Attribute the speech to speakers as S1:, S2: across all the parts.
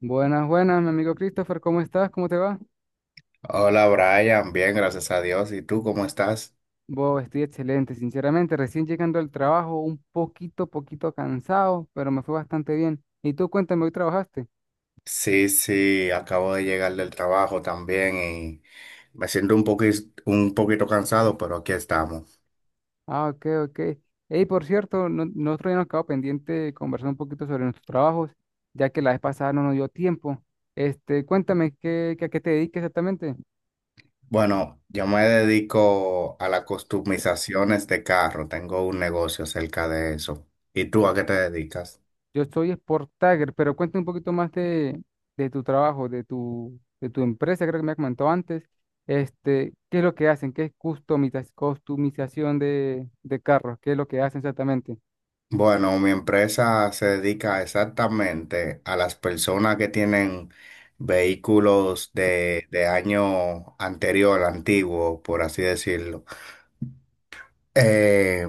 S1: Buenas, buenas, mi amigo Christopher, ¿cómo estás? ¿Cómo te va?
S2: Hola Brian, bien, gracias a Dios. ¿Y tú cómo estás?
S1: Bo, estoy excelente, sinceramente, recién llegando al trabajo, un poquito cansado, pero me fue bastante bien. Y tú, cuéntame, ¿hoy trabajaste?
S2: Sí, sí, acabo de llegar del trabajo también y me siento un poquito cansado, pero aquí estamos.
S1: Ah, ok, ok. Ey, por cierto, no, nosotros ya nos quedó pendiente conversar un poquito sobre nuestros trabajos, ya que la vez pasada no nos dio tiempo. Este, cuéntame, ¿a qué te dedicas exactamente?
S2: Bueno, yo me dedico a las customizaciones de carro, tengo un negocio cerca de eso. ¿Y tú a qué te dedicas?
S1: Yo soy Sport Tagger, pero cuéntame un poquito más de tu trabajo, de tu empresa, creo que me has comentado antes. Este, ¿qué es lo que hacen? ¿Qué es customización de carros? ¿Qué es lo que hacen exactamente?
S2: Bueno, mi empresa se dedica exactamente a las personas que tienen vehículos de año anterior, antiguo, por así decirlo. eh,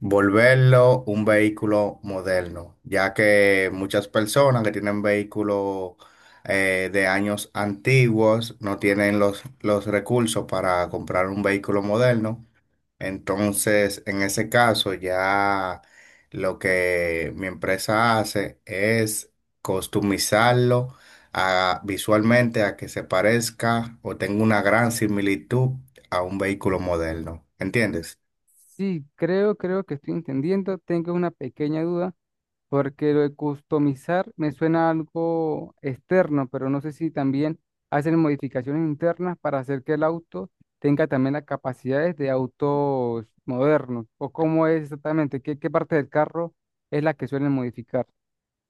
S2: Volverlo un vehículo moderno, ya que muchas personas que tienen vehículos de años antiguos no tienen los recursos para comprar un vehículo moderno. Entonces, en ese caso, ya lo que mi empresa hace es customizarlo visualmente a que se parezca o tenga una gran similitud a un vehículo moderno. ¿Entiendes?
S1: Sí, creo que estoy entendiendo. Tengo una pequeña duda porque lo de customizar me suena a algo externo, pero no sé si también hacen modificaciones internas para hacer que el auto tenga también las capacidades de autos modernos, o cómo es exactamente, qué parte del carro es la que suelen modificar.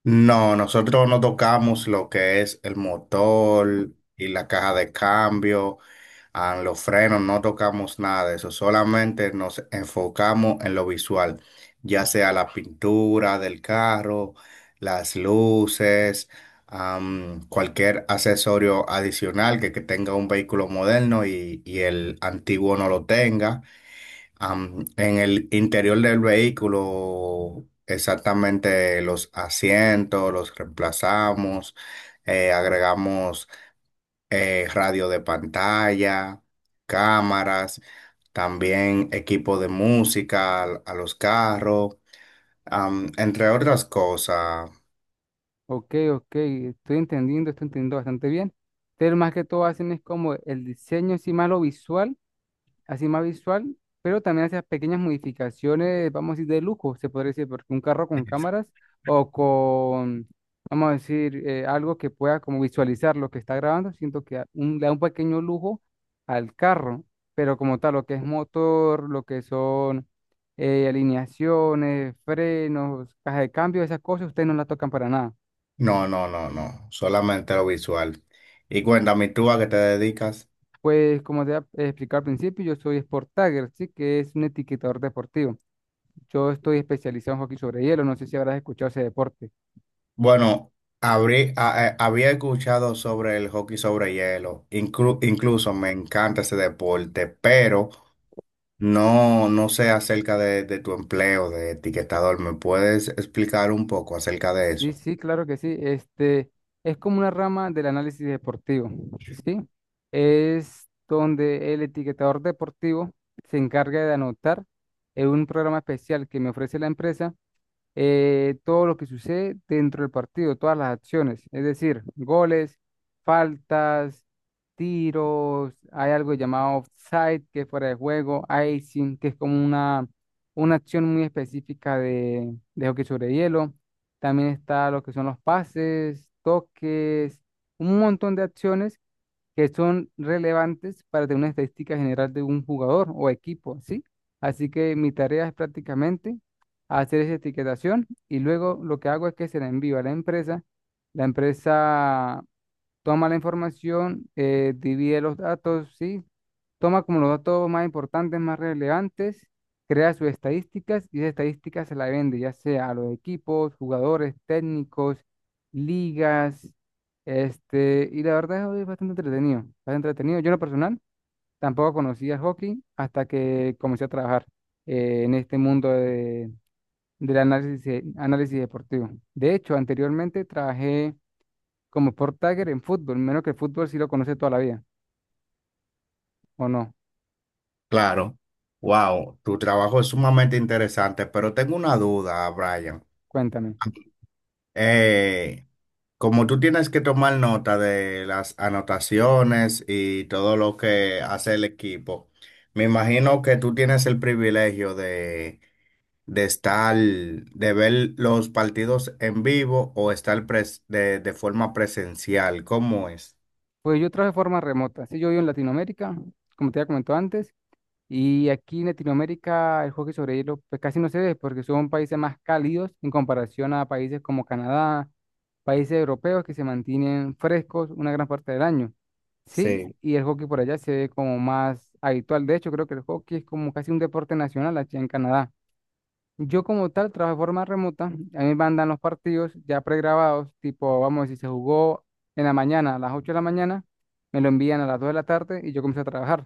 S2: No, nosotros no tocamos lo que es el motor y la caja de cambio, ah, los frenos, no tocamos nada de eso, solamente nos enfocamos en lo visual, ya sea la pintura del carro, las luces, cualquier accesorio adicional que tenga un vehículo moderno y el antiguo no lo tenga. En el interior del vehículo, exactamente los asientos, los reemplazamos, agregamos radio de pantalla, cámaras, también equipo de música los carros, entre otras cosas.
S1: Ok, ok, estoy entendiendo bastante bien. Pero más que todo hacen es como el diseño, sí, más lo visual así más visual, pero también hace pequeñas modificaciones, vamos a decir, de lujo, se podría decir, porque un carro con cámaras o con, vamos a decir, algo que pueda como visualizar lo que está grabando, siento que da un, le da un pequeño lujo al carro, pero como tal, lo que es motor, lo que son alineaciones, frenos, caja de cambio, esas cosas, ustedes no las tocan para nada.
S2: No, no, no, no, solamente lo visual. Y cuéntame, ¿tú a qué te dedicas?
S1: Pues como te había explicado al principio, yo soy Sport Tagger, sí, que es un etiquetador deportivo. Yo estoy especializado en hockey sobre hielo, no sé si habrás escuchado ese deporte.
S2: Bueno, había escuchado sobre el hockey sobre hielo. Incluso me encanta ese deporte, pero no, no sé acerca de tu empleo de etiquetador. ¿Me puedes explicar un poco acerca de
S1: Sí,
S2: eso?
S1: sí, claro que sí. Este es como una rama del análisis deportivo, ¿sí? Es donde el etiquetador deportivo se encarga de anotar en un programa especial que me ofrece la empresa todo lo que sucede dentro del partido, todas las acciones, es decir, goles, faltas, tiros, hay algo llamado offside, que es fuera de juego, icing, que es como una acción muy específica de hockey sobre hielo, también está lo que son los pases, toques, un montón de acciones que son relevantes para tener una estadística general de un jugador o equipo, ¿sí? Así que mi tarea es prácticamente hacer esa etiquetación y luego lo que hago es que se la envío a la empresa. La empresa toma la información, divide los datos, ¿sí? Toma como los datos más importantes, más relevantes, crea sus estadísticas y esas estadísticas se las vende, ya sea a los equipos, jugadores, técnicos, ligas, este, y la verdad es bastante entretenido, bastante entretenido. Yo en lo personal tampoco conocía el hockey hasta que comencé a trabajar en este mundo de, del análisis deportivo. De hecho, anteriormente trabajé como Sport Tagger en fútbol, menos que el fútbol sí lo conoce toda la vida, ¿o no?
S2: Claro. Wow, tu trabajo es sumamente interesante, pero tengo una duda, Brian.
S1: Cuéntame.
S2: Eh, Como tú tienes que tomar nota de las anotaciones y todo lo que hace el equipo, me imagino que tú tienes el privilegio de estar, de ver los partidos en vivo o estar de forma presencial. ¿Cómo es?
S1: Pues yo trabajo de forma remota. Sí, yo vivo en Latinoamérica, como te había comentado antes, y aquí en Latinoamérica el hockey sobre hielo pues casi no se ve porque son países más cálidos en comparación a países como Canadá, países europeos que se mantienen frescos una gran parte del año. Sí,
S2: Sí.
S1: y el hockey por allá se ve como más habitual. De hecho, creo que el hockey es como casi un deporte nacional allá en Canadá. Yo como tal trabajo de forma remota, a mí me mandan los partidos ya pregrabados, tipo, vamos a decir, se jugó en la mañana, a las 8 de la mañana, me lo envían a las 2 de la tarde y yo comienzo a trabajar.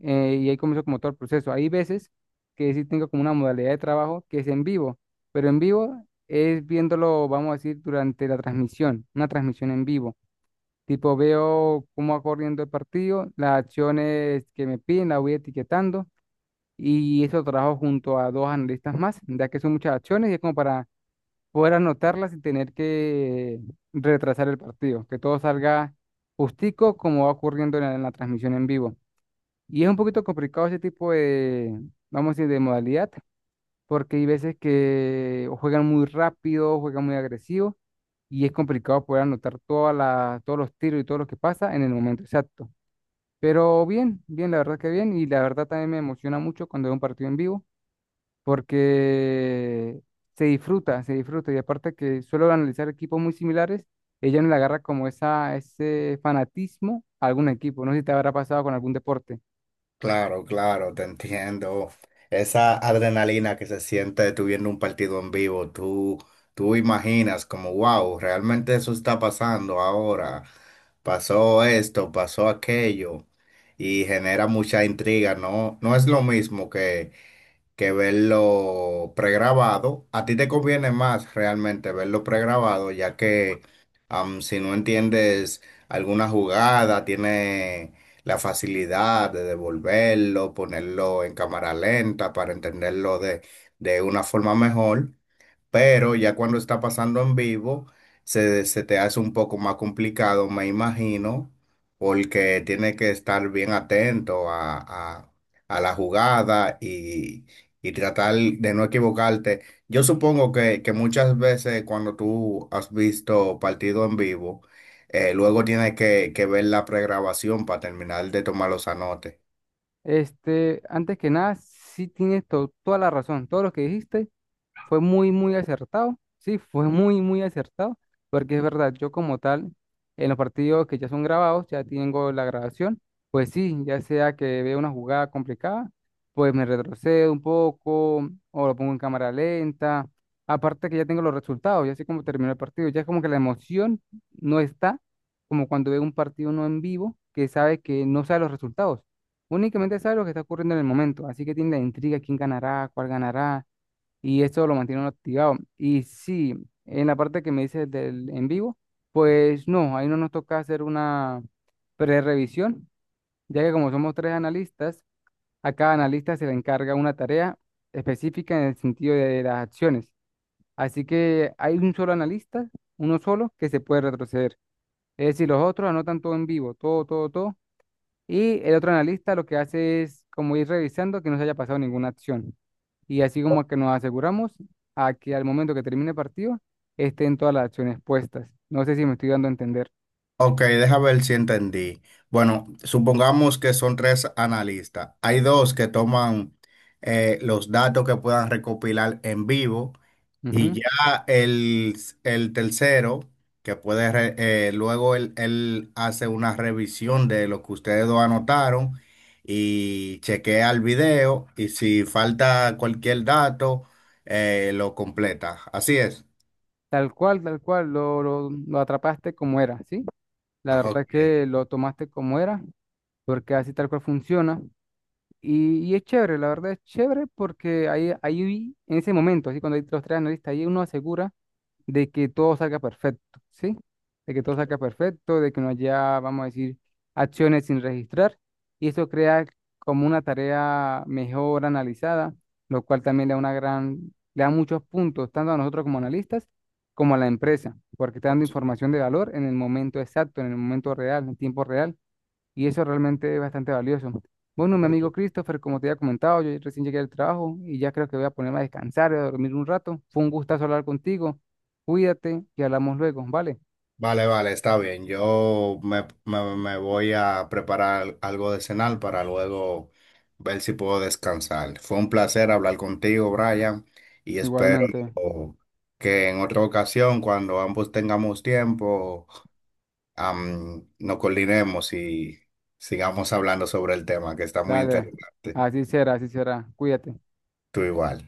S1: Y ahí comienzo como todo el proceso. Hay veces que sí tengo como una modalidad de trabajo que es en vivo, pero en vivo es viéndolo, vamos a decir, durante la transmisión, una transmisión en vivo. Tipo, veo cómo va corriendo el partido, las acciones que me piden, las voy etiquetando y eso lo trabajo junto a dos analistas más, ya que son muchas acciones y es como para poder anotarlas sin tener que retrasar el partido, que todo salga justico como va ocurriendo en la transmisión en vivo. Y es un poquito complicado ese tipo de, vamos a decir, de modalidad, porque hay veces que o juegan muy rápido, juegan muy agresivo y es complicado poder anotar todas las todos los tiros y todo lo que pasa en el momento exacto. Pero bien, bien, la verdad que bien, y la verdad también me emociona mucho cuando veo un partido en vivo porque se disfruta, se disfruta. Y aparte que suelo analizar equipos muy similares, ella no le agarra como esa, ese fanatismo a algún equipo. No sé si te habrá pasado con algún deporte.
S2: Claro, claro, te entiendo. Esa adrenalina que se siente tú viendo un partido en vivo, tú imaginas como, wow, realmente eso está pasando ahora. Pasó esto, pasó aquello. Y genera mucha intriga, ¿no? No es lo mismo que verlo pregrabado. A ti te conviene más realmente verlo pregrabado, ya que si no entiendes alguna jugada, tiene la facilidad de devolverlo, ponerlo en cámara lenta para entenderlo de una forma mejor, pero ya cuando está pasando en vivo, se te hace un poco más complicado, me imagino, porque tiene que estar bien atento a- a la jugada y tratar de no equivocarte. Yo supongo que muchas veces cuando tú has visto partido en vivo, luego tienes que ver la pregrabación para terminar de tomar los anotes.
S1: Este, antes que nada, sí tienes toda la razón. Todo lo que dijiste fue muy, muy acertado. Sí, fue muy, muy acertado. Porque es verdad, yo como tal, en los partidos que ya son grabados, ya tengo la grabación. Pues sí, ya sea que vea una jugada complicada, pues me retrocedo un poco o lo pongo en cámara lenta. Aparte que ya tengo los resultados, ya sé cómo terminó el partido. Ya es como que la emoción no está como cuando veo un partido no en vivo, que sabe que no sabe los resultados. Únicamente sabe lo que está ocurriendo en el momento. Así que tiene la intriga, quién ganará, cuál ganará y esto lo mantiene uno activado. Y sí, en la parte que me dices del en vivo, pues no, ahí no nos toca hacer una prerevisión, ya que como somos 3 analistas, a cada analista se le encarga una tarea específica en el sentido de las acciones. Así que hay un solo analista, uno solo, que se puede retroceder. Es decir, los otros anotan todo en vivo, todo, todo, todo. Y el otro analista lo que hace es como ir revisando que no se haya pasado ninguna acción y así como que nos aseguramos a que al momento que termine el partido estén todas las acciones puestas. No sé si me estoy dando a entender.
S2: Ok, deja ver si entendí. Bueno, supongamos que son tres analistas. Hay dos que toman los datos que puedan recopilar en vivo, y
S1: Ujú.
S2: ya el tercero, que puede, luego él hace una revisión de lo que ustedes dos anotaron y chequea el video y si falta cualquier dato, lo completa. Así es.
S1: Tal cual, lo atrapaste como era, ¿sí? La
S2: Ajá,
S1: verdad es que lo tomaste como era, porque así tal cual funciona. Y es chévere, la verdad es chévere porque ahí, ahí en ese momento, así cuando hay los 3 analistas, ahí uno asegura de que todo salga perfecto, ¿sí? De que todo salga perfecto, de que no haya, vamos a decir, acciones sin registrar. Y eso crea como una tarea mejor analizada, lo cual también le da una gran, le da muchos puntos, tanto a nosotros como analistas, como a la empresa, porque está dando información de valor en el momento exacto, en el momento real, en tiempo real. Y eso realmente es bastante valioso. Bueno, mi
S2: ok.
S1: amigo Christopher, como te había comentado, yo recién llegué al trabajo y ya creo que voy a ponerme a descansar y a dormir un rato. Fue un gustazo hablar contigo. Cuídate y hablamos luego, ¿vale?
S2: Vale, vale, está bien. Me voy a preparar algo de cenar para luego ver si puedo descansar. Fue un placer hablar contigo, Brian, y espero
S1: Igualmente.
S2: que en otra ocasión, cuando ambos tengamos tiempo, nos coordinemos y sigamos hablando sobre el tema, que está muy
S1: Dale.
S2: interesante.
S1: Así será, así será. Cuídate.
S2: Tú igual.